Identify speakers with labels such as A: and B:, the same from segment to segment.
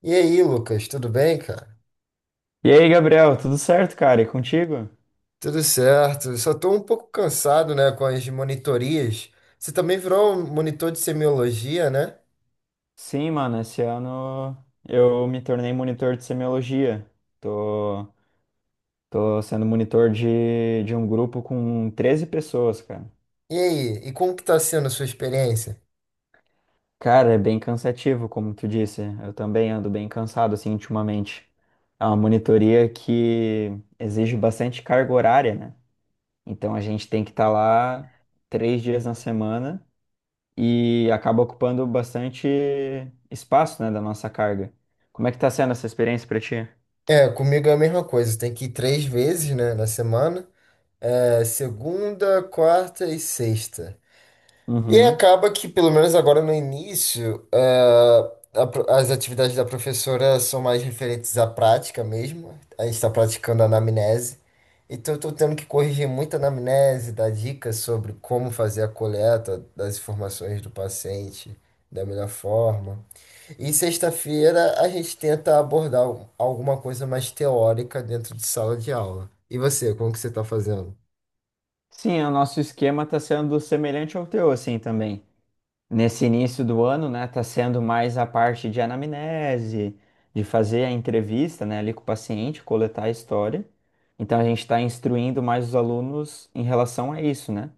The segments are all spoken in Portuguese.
A: E aí, Lucas, tudo bem, cara?
B: E aí, Gabriel, tudo certo, cara? E contigo?
A: Tudo certo. Só tô um pouco cansado, né, com as monitorias. Você também virou um monitor de semiologia, né?
B: Sim, mano, esse ano eu me tornei monitor de semiologia. Tô, tô sendo monitor de um grupo com 13 pessoas, cara.
A: E aí, e como que tá sendo a sua experiência?
B: Cara, é bem cansativo, como tu disse. Eu também ando bem cansado, assim, ultimamente. É uma monitoria que exige bastante carga horária, né? Então a gente tem que estar lá três dias na semana, e acaba ocupando bastante espaço, né, da nossa carga. Como é que tá sendo essa experiência para ti?
A: É, comigo é a mesma coisa. Tem que ir três vezes, né, na semana. É, segunda, quarta e sexta. E
B: Uhum.
A: acaba que, pelo menos agora no início, as atividades da professora são mais referentes à prática mesmo. A gente está praticando a anamnese. Então, eu estou tendo que corrigir muita anamnese, dar dicas sobre como fazer a coleta das informações do paciente da melhor forma. E sexta-feira a gente tenta abordar alguma coisa mais teórica dentro de sala de aula. E você, como que você está fazendo?
B: Sim, o nosso esquema está sendo semelhante ao teu, assim, também. Nesse início do ano, né, tá sendo mais a parte de anamnese, de fazer a entrevista, né, ali com o paciente, coletar a história. Então, a gente está instruindo mais os alunos em relação a isso, né?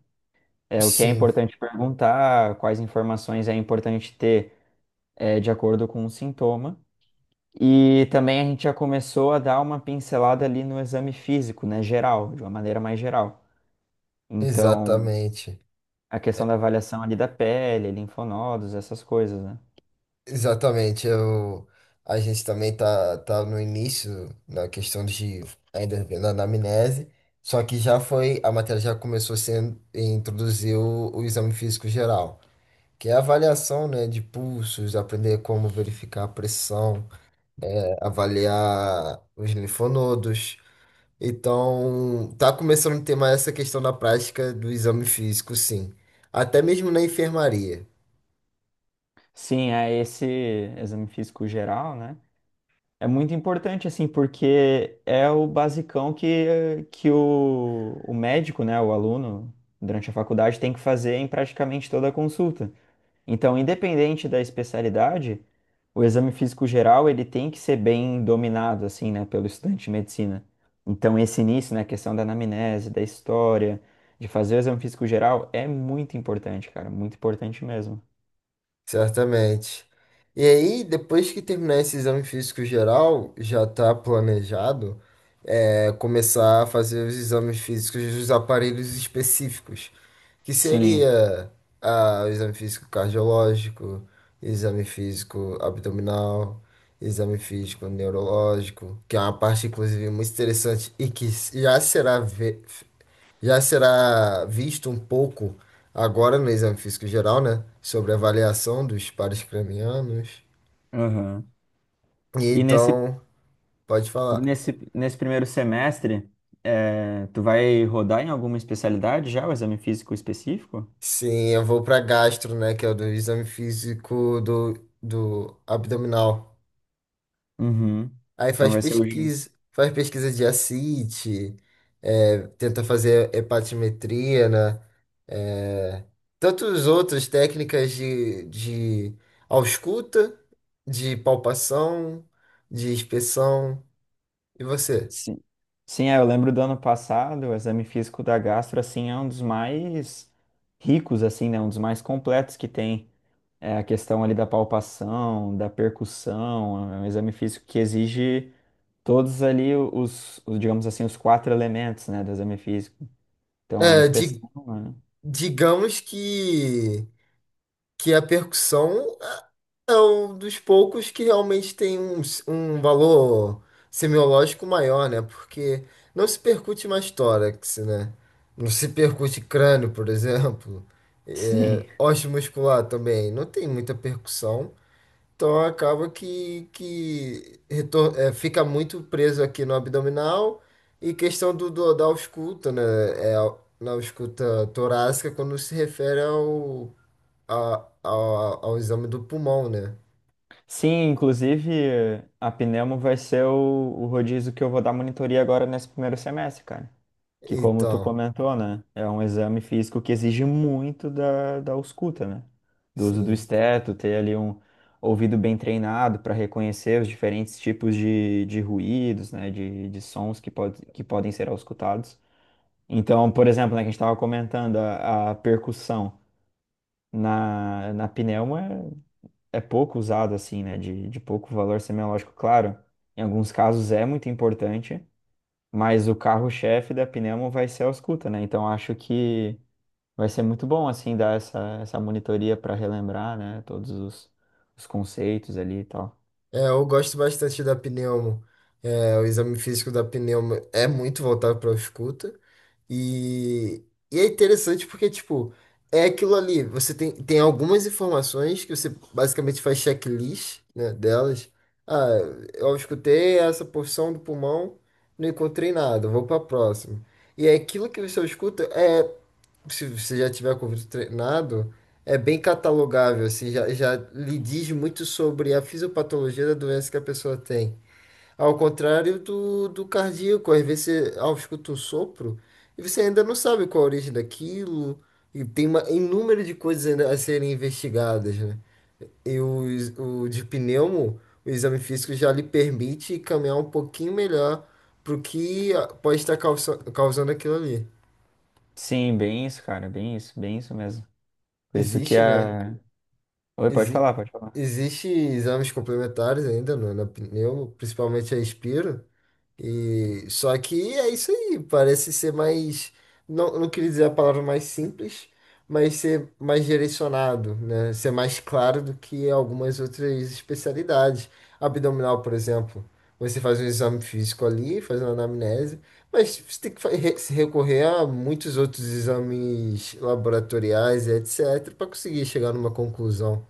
B: É, o que é
A: Sim,
B: importante perguntar, quais informações é importante ter, é, de acordo com o sintoma. E também a gente já começou a dar uma pincelada ali no exame físico, né, geral, de uma maneira mais geral. Então,
A: exatamente.
B: a questão da avaliação ali da pele, linfonodos, essas coisas, né?
A: Exatamente. A gente também tá no início na questão de ainda vendo a anamnese, só que já foi, a matéria já começou sendo introduzir o exame físico geral, que é a avaliação, né, de pulsos, aprender como verificar a pressão, avaliar os linfonodos. Então, tá começando a ter mais essa questão da prática do exame físico, sim. Até mesmo na enfermaria.
B: Sim, é esse exame físico geral, né? É muito importante, assim, porque é o basicão que o médico, né, o aluno, durante a faculdade, tem que fazer em praticamente toda a consulta. Então, independente da especialidade, o exame físico geral ele tem que ser bem dominado assim, né, pelo estudante de medicina. Então, esse início, né, a questão da anamnese, da história, de fazer o exame físico geral é muito importante, cara, muito importante mesmo.
A: Certamente. E aí, depois que terminar esse exame físico geral, já está planejado começar a fazer os exames físicos dos aparelhos específicos, que
B: Sim.
A: seria o exame físico cardiológico, exame físico abdominal, exame físico neurológico, que é uma parte, inclusive, muito interessante e que já será visto um pouco agora no exame físico geral, né? Sobre a avaliação dos pares cranianos.
B: Aham.
A: E
B: E nesse,
A: então, pode falar.
B: nesse, nesse primeiro semestre, é, tu vai rodar em alguma especialidade já o exame físico específico?
A: Sim, eu vou para gastro, né? Que é o do exame físico do abdominal.
B: Uhum.
A: Aí
B: Então vai ser o,
A: faz pesquisa de ascite, é, tenta fazer hepatimetria, né? É, tantos outras técnicas de ausculta, de palpação, de inspeção. E você?
B: sim. Sim, é, eu lembro do ano passado, o exame físico da gastro, assim, é um dos mais ricos, assim, né? Um dos mais completos que tem. É a questão ali da palpação, da percussão, é um exame físico que exige todos ali os, digamos assim, os quatro elementos, né, do exame físico. Então, a
A: É,
B: inspeção,
A: di-
B: né?
A: Digamos que a percussão é um dos poucos que realmente tem um valor semiológico maior, né? Porque não se percute mais tórax, né? Não se percute crânio, por exemplo. É,
B: Sim.
A: osso muscular também. Não tem muita percussão. Então acaba fica muito preso aqui no abdominal. E questão da ausculta, né? Na ausculta torácica quando se refere a- a- ao exame do pulmão, né?
B: Sim, inclusive, a pneumo vai ser o rodízio que eu vou dar monitoria agora nesse primeiro semestre, cara. Que como tu
A: Então,
B: comentou, né? É um exame físico que exige muito da, da ausculta, né? Do uso do
A: sim.
B: esteto, ter ali um ouvido bem treinado para reconhecer os diferentes tipos de ruídos, né? De sons que, pode, que podem ser auscultados. Então, por exemplo, né, que a gente estava comentando, a percussão na, na pneuma é, é pouco usada, assim, né? De pouco valor semiológico, claro. Em alguns casos é muito importante, mas o carro-chefe da Pneumo vai ser a ausculta, né? Então acho que vai ser muito bom, assim, dar essa, essa monitoria para relembrar, né? Todos os conceitos ali e tal.
A: É, eu gosto bastante da pneumo. É, o exame físico da pneumo é muito voltado para escuta. E, e é interessante porque, tipo, é aquilo ali. Tem algumas informações que você basicamente faz checklist, né, delas. Ah, eu escutei essa porção do pulmão, não encontrei nada, vou para a próxima. E é aquilo que você escuta é se você já tiver com o vidro treinado, é bem catalogável, assim, já, já lhe diz muito sobre a fisiopatologia da doença que a pessoa tem. Ao contrário do cardíaco, às vezes você ao escuta um sopro e você ainda não sabe qual a origem daquilo, e tem uma, inúmero de coisas ainda a serem investigadas, né? E o de pneumo, o exame físico já lhe permite caminhar um pouquinho melhor pro que pode estar causando aquilo ali.
B: Sim, bem isso, cara, bem isso mesmo. Por isso que
A: Existe, né?
B: a. Oi, pode
A: Exi
B: falar, pode falar.
A: Existe exames complementares ainda na pneu, principalmente a Inspiro. E só que é isso aí, parece ser mais, não, não queria dizer a palavra mais simples, mas ser mais direcionado, né? Ser mais claro do que algumas outras especialidades. Abdominal, por exemplo, você faz um exame físico ali, faz uma anamnese, mas você tem que se recorrer a muitos outros exames laboratoriais, etc, para conseguir chegar numa conclusão.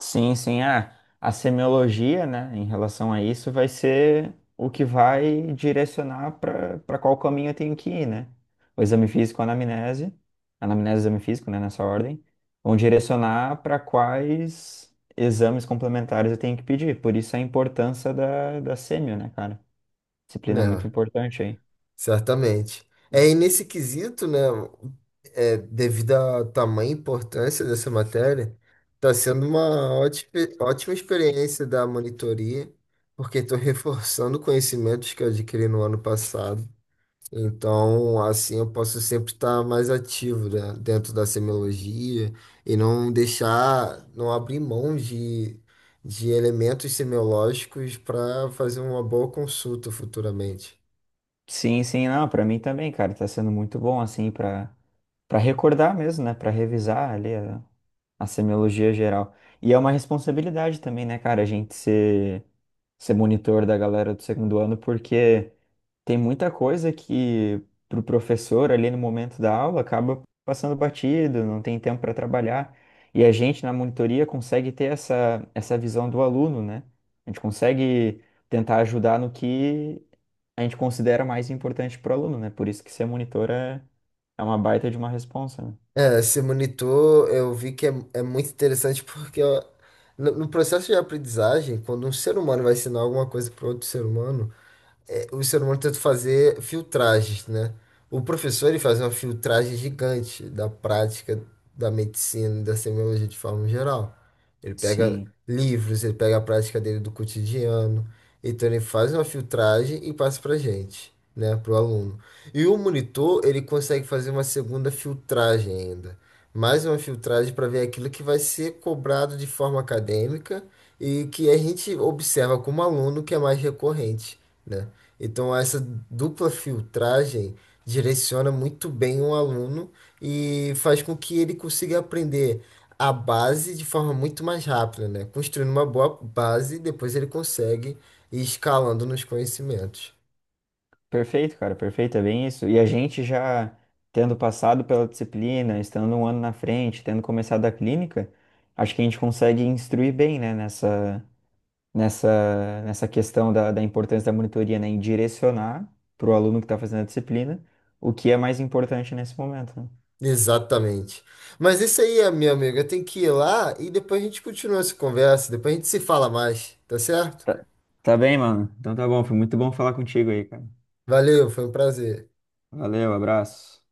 B: Sim, sim. Ah, a semiologia, né, em relação a isso, vai ser o que vai direcionar para para qual caminho eu tenho que ir, né? O exame físico, a anamnese e o exame físico, né, nessa ordem, vão direcionar para quais exames complementares eu tenho que pedir. Por isso a importância da, da semio, né, cara? Disciplina muito
A: Né,
B: importante aí.
A: certamente. É, e nesse quesito, né, é, devido ao tamanho e importância dessa matéria, está sendo uma ótima, ótima experiência da monitoria, porque estou reforçando conhecimentos que eu adquiri no ano passado. Então, assim, eu posso sempre estar mais ativo, né, dentro da semiologia e não deixar, não abrir mão de elementos semiológicos para fazer uma boa consulta futuramente.
B: Sim, sim, não, para mim também, cara, tá sendo muito bom, assim, para para recordar mesmo, né, para revisar ali a semiologia geral. E é uma responsabilidade também, né, cara, a gente ser, ser monitor da galera do segundo ano, porque tem muita coisa que pro professor ali no momento da aula acaba passando batido, não tem tempo para trabalhar. E a gente na monitoria consegue ter essa, essa visão do aluno, né? A gente consegue tentar ajudar no que a gente considera mais importante pro aluno, né? Por isso que ser monitor é, é uma baita de uma responsa, né?
A: É, esse monitor eu vi é muito interessante porque ó, no processo de aprendizagem, quando um ser humano vai ensinar alguma coisa para outro ser humano, é, o ser humano tenta fazer filtragens, né? O professor ele faz uma filtragem gigante da prática da medicina, e da semiologia de forma geral. Ele pega
B: Sim.
A: livros, ele pega a prática dele do cotidiano, então ele faz uma filtragem e passa para gente, né, para o aluno. E o monitor ele consegue fazer uma segunda filtragem ainda. Mais uma filtragem para ver aquilo que vai ser cobrado de forma acadêmica e que a gente observa como aluno que é mais recorrente né? Então, essa dupla filtragem direciona muito bem o aluno e faz com que ele consiga aprender a base de forma muito mais rápida, né? Construindo uma boa base, depois ele consegue ir escalando nos conhecimentos.
B: Perfeito, cara, perfeito, é bem isso. E a gente já tendo passado pela disciplina, estando um ano na frente, tendo começado a clínica, acho que a gente consegue instruir bem, né, nessa questão da, da importância da monitoria, né, em direcionar para o aluno que está fazendo a disciplina o que é mais importante nesse momento, né?
A: Exatamente. Mas isso aí, minha amiga, eu tenho que ir lá e depois a gente continua essa conversa, depois a gente se fala mais, tá certo?
B: Tá, tá bem, mano. Então tá bom, foi muito bom falar contigo aí, cara.
A: Valeu, foi um prazer.
B: Valeu, abraço.